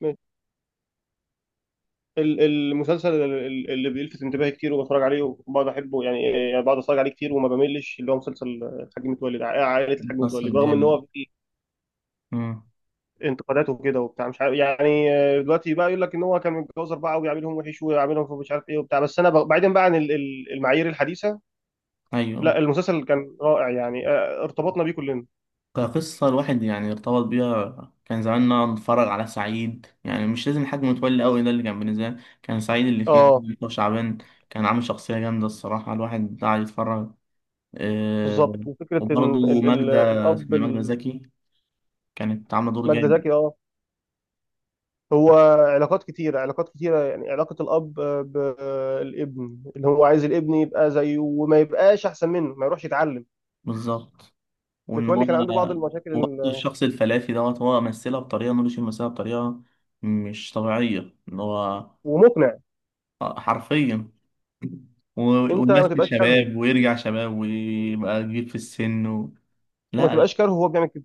ماشي. المسلسل اللي بيلفت انتباهي كتير وبتفرج عليه وبقعد احبه يعني بقعد اتفرج عليه كتير وما بملش اللي هو مسلسل الحاج متولي ده، عائله الحاج مصر متولي، رغم ان جامد. هو فيه مم. انتقادات وكده وبتاع مش عارف يعني. دلوقتي بقى يقول لك ان هو كان متجوز اربعه وبيعاملهم وحش ويعاملهم في مش عارف ايه وبتاع، بس انا بعيدا بقى عن المعايير الحديثه. أيوة. لا المسلسل كان رائع يعني. ارتبطنا بيه كلنا. كقصة الواحد يعني ارتبط بيها، كان زماننا نتفرج على سعيد، يعني مش لازم حد متولي أوي، ده اللي كان بالنسبة لي. كان سعيد اللي فيه اه دكتور شعبان كان عامل شخصية جامدة، الصراحة الواحد قاعد يتفرج. آه، بالظبط، وفكره ان وبرضه ماجدة، الاب اسمها ماجدة زكي، كانت عاملة دور ماجدة جامد. زكي اه. هو علاقات كتيرة علاقات كتيرة، يعني علاقة الأب بالابن اللي هو عايز الابن يبقى زيه وما يبقاش أحسن منه، ما يروحش يتعلم. بالظبط. وإن هو متولي كان عنده بعض المشاكل وبرضه الشخص الفلافي دوت، هو مثلها بطريقة نور الشريف، مثلها بطريقة مش طبيعية إن هو ومقنع. حرفيا. و- أنت ما ويمثل تبقاش كارهه، شباب ويرجع شباب ويبقى كبير في السن وما لا لا. تبقاش كارهه وهو بيعمل كده.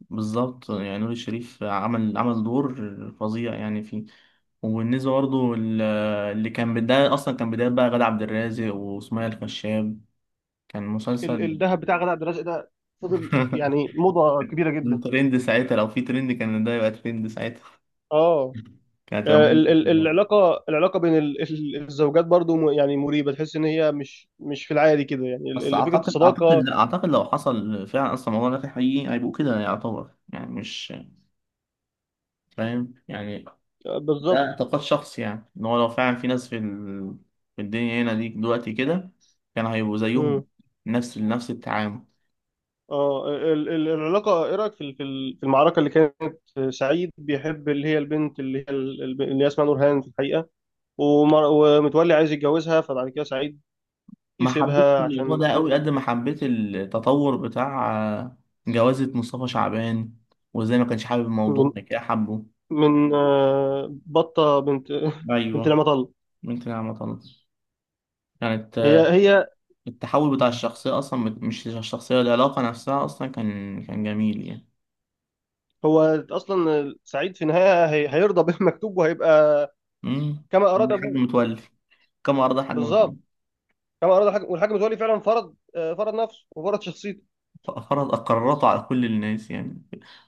بالظبط، يعني نور الشريف عمل دور فظيع يعني فيه. وبالنسبة برضه اللي كان بداية، أصلا كان بداية بقى غادة عبد الرازق وسمية الخشاب، كان مسلسل الذهب بتاع غادة عبد الرازق ده فضل يعني موضة كبيرة من جدا. ترند ساعتها، لو في ترند كان ده يبقى ترند ساعتها. اه كانت هتعمل- العلاقة بين الزوجات برضو يعني مريبة، تحس إن هي مش في العادي كده، يعني بس فكرة أعتقد الصداقة. لا أعتقد لو حصل فعلا أصلا الموضوع ده في حقيقي، هيبقوا كده، يعتبر يعني مش فاهم يعني. ده بالظبط. اعتقاد شخصي، يعني ان هو لو فعلا في ناس في في الدنيا هنا دي دلوقتي كده، كان هيبقوا زيهم، نفس التعامل. اه العلاقة، ايه رأيك في في المعركة اللي كانت؟ سعيد بيحب اللي هي البنت اللي هي اللي هي اسمها نورهان في الحقيقة، ومتولي عايز يتجوزها، فبعد كده سعيد ما حبيتش يسيبها الموضوع عشان ده ابوه. قوي قد ما حبيت التطور بتاع آه، جوازة مصطفى شعبان، وازاي ما كانش حابب الموضوع من ده، كده حبه. من بطة بنت بنت ايوه. لما طل. ممكن انا ما طلعتش. كانت هي آه، هي التحول بتاع الشخصية، اصلا مش الشخصية، العلاقة نفسها اصلا كان جميل يعني. هو اصلا سعيد في النهاية هيرضى بالمكتوب وهيبقى امم كما اراد لحد ابوه. متولي كم عرض حاجة. بالظبط، كما اراد الحاج. والحاج متولي فعلا فرض نفسه وفرض شخصيته. فرض قراراته على كل الناس، يعني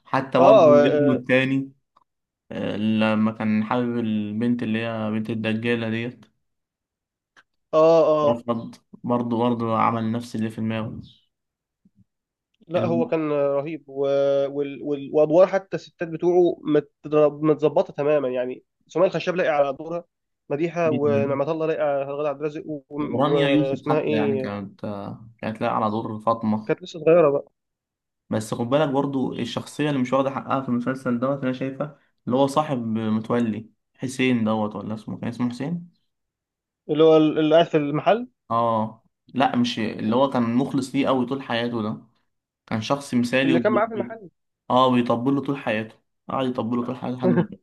حتى برضه اه، ابنه اه، التاني لما كان حابب البنت اللي هي بنت الدجالة ديت، اه، رفض. آه. برضه عمل نفس اللي في دماغه. لا هو الم- كان رهيب وادوار حتى الستات بتوعه متظبطه تماما، يعني سمية الخشاب لاقي على دورها مديحه، جدا. ونعمة الله لاقي على غادة عبد الرازق ورانيا يوسف واسمها حتى يعني ايه، كانت كانت لاقية على دور فاطمة. كانت لسه صغيره بقى. بس خد بالك برضه الشخصية اللي مش واخدة حقها في المسلسل دوت أنا شايفها، اللي هو صاحب متولي، حسين دوت، ولا اسمه كان اسمه حسين؟ اللي هو اللي قاعد في المحل، اه، لا مش اللي هو كان مخلص ليه قوي طول حياته ده، كان شخص مثالي. اللي و... كان معاه في المحل. اه، بيطبل له طول حياته، قعد يطبل له طول حياته لحد ما اتجوز.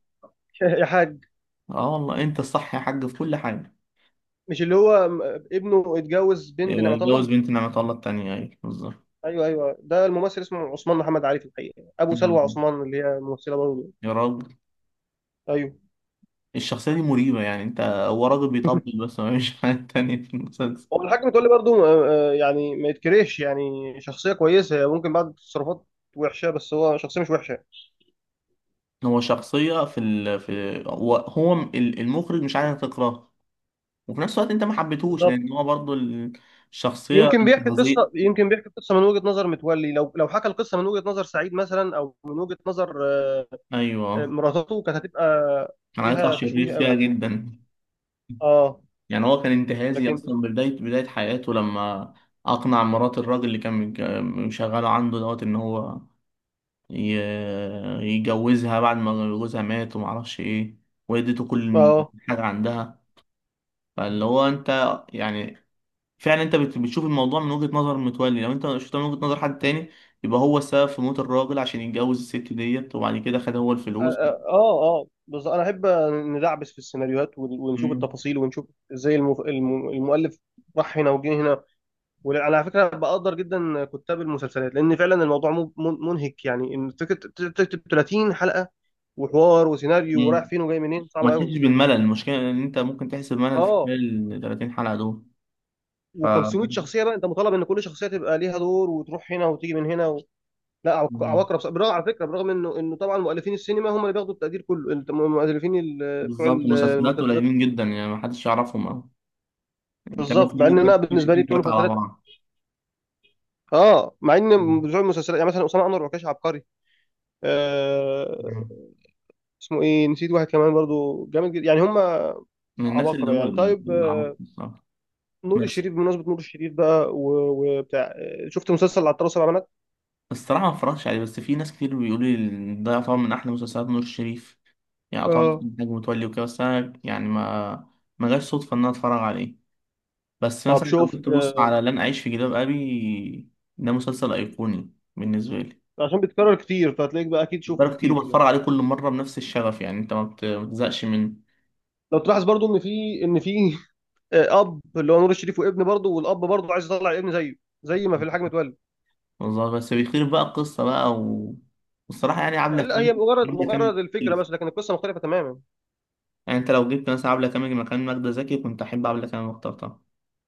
يا حاج. اه، والله انت الصح يا حاج في كل حاجه. مش اللي هو ابنه اتجوز بنت نعمة اتجوز الله. بنت نعمة الله التانية، ايوه بالظبط. ايوه، ايوه، ده الممثل اسمه عثمان محمد علي في الحقيقه، ابو سلوى أيوة. عثمان اللي هي ممثله برضه. يا راجل، ايوه. الشخصية دي مريبة، يعني انت هو راجل بيطبل بس ما فيش حاجة تانية في المسلسل. هو الحاكم تقول لي برضه. يعني ما يتكرهش، يعني شخصيه كويسه هي، ممكن بعض التصرفات وحشه بس هو شخصيه مش وحشه. هو شخصية في ال... في هو هو ال- المخرج مش عايز تكرهه، وفي نفس الوقت انت ما حبيتهوش بالظبط. لان هو برضو الشخصية انتهازية. يمكن بيحكي قصه من وجهه نظر متولي، لو حكى القصه من وجهه نظر سعيد مثلا، او من وجهه نظر ايوه، مراتته كانت هتبقى كان هيطلع فيها شرير تشويه قوي فيها يعني. جدا. اه يعني هو كان انتهازي لكن. اصلا من بدايه حياته، لما اقنع مرات الراجل اللي كان مشغله عنده دوت ان هو ي- يجوزها، بعد ما جوزها مات وما اعرفش ايه، واديته كل اه، حاجه عندها. فاللي هو انت يعني فعلا انت بتشوف الموضوع من وجهه نظر متولي، لو انت شفته من وجهه نظر حد تاني، يبقى هو السبب في موت الراجل عشان يتجوز الست ديت وبعد كده خد هو اه، الفلوس. اه، آه. بس انا احب ندعبس في السيناريوهات ونشوف مم. التفاصيل ونشوف ازاي المؤلف راح هنا وجه هنا. وعلى فكره بقدر جدا كتاب المسلسلات، لان فعلا الموضوع منهك، يعني ان تكتب 30 حلقه وحوار وسيناريو، ورايح مم. فين وجاي منين، صعب وما قوي. تحسش بالملل، المشكله ان انت ممكن تحس بملل في اه خلال ال 30 حلقه و500 دول. شخصيه بقى، انت مطالب ان كل شخصيه تبقى ليها دور، وتروح هنا وتيجي من هنا لا مم. عبقرة. بالرغم على فكره، برغم انه طبعا مؤلفين السينما هم اللي بياخدوا التقدير كله، انت مؤلفين بتوع بالظبط، مسلسلات المسلسلات. قليلين جدا يعني ما حدش يعرفهم أوي، يعني كمان بالظبط، في مع ان ممكن انا تكون بالنسبه لي شايفين بتوع ثلاثة على المسلسلات بعض. اه، مع ان مم. بتوع المسلسلات يعني مثلا اسامه انور عكاش عبقري. آه مم. اسمه ايه، نسيت واحد كمان برضو جامد جدا، يعني هم من الناس اللي عباقرة هو يعني. طيب، اللي عملت الصراحة. نور بس الشريف. بمناسبة نور الشريف بقى وبتاع، شفت مسلسل العطار سبع بنات؟ الصراحة ما اتفرجتش عليه، بس في ناس كتير بيقولوا لي إن ده طبعا من أحلى مسلسلات نور الشريف، يعني طبعا اه إنتاج متولي وكده، بس أنا يعني ما جاش صدفة إن أنا أتفرج عليه. بس طب مثلا لو شفت كنت آه، بص على لن أعيش في جلباب أبي، ده مسلسل أيقوني بالنسبة لي، عشان بيتكرر كتير، فهتلاقيك بقى اكيد شفته بتفرج كتير كتير يعني. وبتفرج عليه كل مرة بنفس الشغف، يعني أنت ما بتزهقش منه. لو تلاحظ برضو ان في اب اللي هو نور الشريف وابن، برضو والاب برضو عايز يطلع الابن زيه، زي ما في الحاج متولي بالظبط، بس بيخير بقى القصة بقى والصراحة يعني آه، عبلة لا كامل، هي مجرد عبلة كامل مجرد الفكره مختلف. بس، لكن القصه مختلفه تماما. يعني أنت لو جبت مثلا عبلة كامل مكان منى زكي، كنت أحب عبلة كامل واخترتها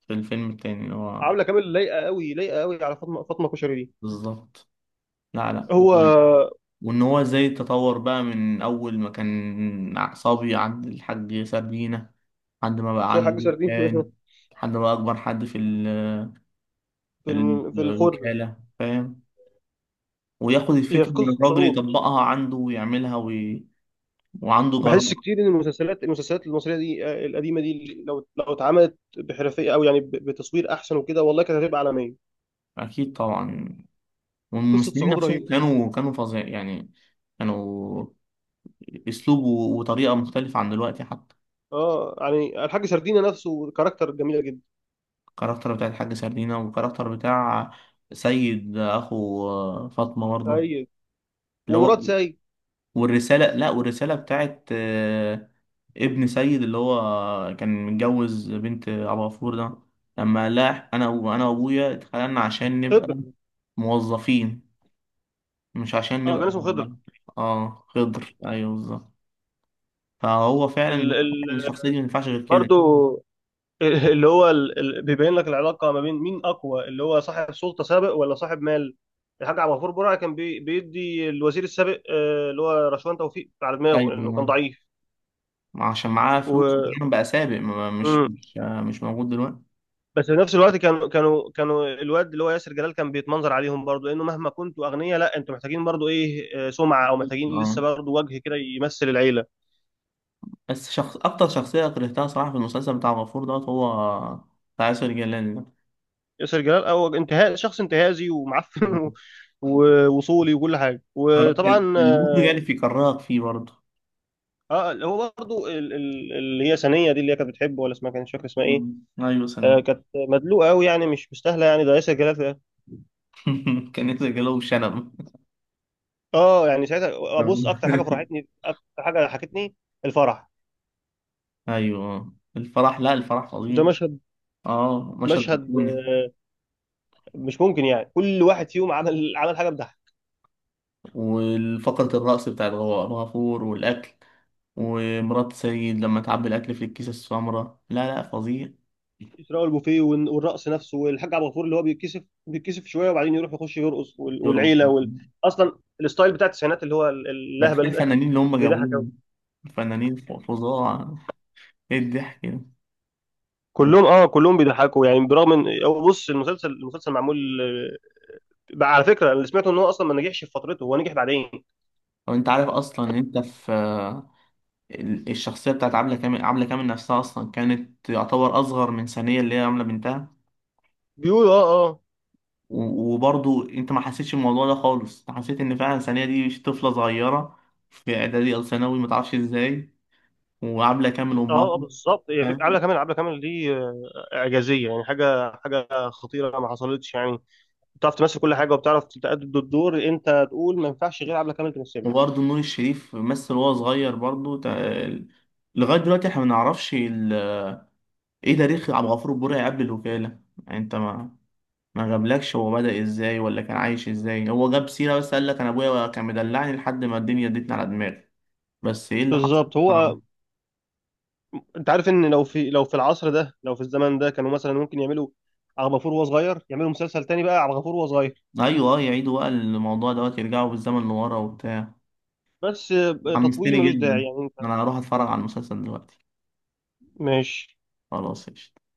في الفيلم التاني اللي هو عامله كامل لايقه قوي، لايقه قوي على فاطمه كشري دي. بالظبط. لا لا. هو وإن هو إزاي تطور بقى من أول ما كان صبي عند الحاج سردينة، لحد ما بقى حاج عنده سردين. كان، لحد ما بقى أكبر حد في في في الخرده. الوكالة، فاهم. وياخد هي الفكرة في من قصه الراجل، صعود. يطبقها عنده ويعملها وعنده جرأة. بحس كتير ان المسلسلات المصريه دي القديمه دي، لو اتعملت بحرفيه، او يعني بتصوير احسن وكده، والله كانت هتبقى عالميه. أكيد طبعا، قصه والممثلين صعود نفسهم رهيبه. كانوا فظيع يعني. كانوا اسلوب وطريقه مختلفه عن دلوقتي حتى. اه يعني الحاج سردينه نفسه كاركتر جميله جدا. الكاركتر بتاع الحاج سردينة، والكاركتر بتاع سيد اخو فاطمه برضه، سيد، اللي ومراد، هو، سيد، والرساله لا والرساله بتاعت ابن سيد اللي هو كان متجوز بنت ابو غفور ده، لما لا انا وابويا اتخلقنا عشان خضر. نبقى موظفين، مش عشان اه كان اسمه نبقى. خضر. اه، خضر، ايوه بالظبط. فهو فعلا ال هو ال الشخصية دي ما ينفعش غير كده. برضو. اللي هو ال ال بيبين لك العلاقه ما بين مين اقوى، اللي هو صاحب سلطه سابق ولا صاحب مال. الحاج عبد الغفور برعي كان بيدي الوزير السابق اللي هو رشوان توفيق على دماغه، لانه كان ايوه، ضعيف ما عشان معاه فلوس و... دايما بقى سابق، مش موجود دلوقتي. بس في نفس الوقت، كانوا الواد اللي هو ياسر جلال كان بيتمنظر عليهم برضو، لانه مهما كنتوا اغنياء لا انتوا محتاجين برضو ايه، سمعه، او محتاجين اه، لسه برضو وجه كده يمثل العيله. بس شخص اكتر شخصية كرهتها صراحة في المسلسل بتاع غفور دوت، هو بتاع ياسر جلال ده. ياسر جلال او انتهاء، شخص انتهازي ومعفن ووصولي وكل حاجه، وطبعا المخرج يعني اه. في كرهك فيه برضه. اللي هو برضو اللي هي سنيه دي اللي هي كانت بتحبه، ولا اسمها، كانت مش فاكر اسمها مم. ايه. ايوه، سنة. آه كانت مدلوقه قوي يعني، مش مستاهله يعني ده ياسر جلال ده. كان ياسر جلال وشنب. اه يعني ساعتها. ابص، اكتر حاجه فرحتني اكتر حاجه ضحكتني الفرح. ايوه. الفرح، لا الفرح ده فظيعي. مشهد، اه، مشهد مشهد ايقوني. مش ممكن، يعني كل واحد فيهم عمل حاجه بتضحك. والفقرة الرقص بتاع الغفور، والاكل، ومرات سيد لما تعبي الأكل في الكيسة السمراء، لا لا، فظيع. اسراء، البوفيه، والرقص نفسه، والحاج عبد الغفور اللي هو بيتكسف شويه وبعدين يروح يخش يرقص، يرقص. والعيله اصلا الستايل بتاع التسعينات اللي هو ده كفاية اللهبل ده الفنانين اللي هم بيضحك قوي. جابوهم، فنانين فظاع. ايه الضحك ده. كلهم و- اه، كلهم بيضحكوا يعني. برغم ان هو، بص، المسلسل معمول بقى على فكره، اللي سمعته ان هو اصلا ما نجحش في فترته، هو نجح بعدين وانت عارف اصلا ان انت في الشخصيه بتاعت عبله كامل، عبله كامل نفسها اصلا كانت يعتبر اصغر من ثانيه اللي هي عامله بنتها، بيقول. اه، اه، وبرضو انت ما حسيتش الموضوع ده خالص، انت حسيت ان فعلا ثانيه دي طفله صغيره في اعدادي او ثانوي ما تعرفش ازاي، وعبله كامل اه، امها. آه، بالظبط. هي عبلة كامل دي اعجازيه يعني، حاجه حاجه خطيره ما حصلتش يعني، بتعرف تمثل كل حاجه وبتعرف تأدي الدور، انت تقول ما ينفعش غير عبله كامل تمثله. وبرضه نور الشريف مثل وهو صغير برضه لغاية دلوقتي احنا ما نعرفش ايه تاريخ عبد الغفور البرعي قبل الوكالة. يعني انت ما، جابلكش هو بدأ ازاي ولا كان عايش ازاي، هو جاب سيرة بس قال لك انا ابويا كان مدلعني لحد ما الدنيا ادتني على دماغي، بس ايه اللي حصل. بالظبط. آه. هو انت عارف ان، لو في العصر ده، لو في الزمن ده، كانوا مثلا ممكن يعملوا عبد الغفور وهو صغير، يعملوا مسلسل تاني بقى عبد الغفور وهو صغير. ايوه، اه، يعيدوا بقى الموضوع دوت، يرجعوا بالزمن لورا وبتاع. بس تطويل حمستني ملوش داعي جدا، يعني انت. انا هروح اتفرج على المسلسل دلوقتي. ماشي خلاص، قشطة.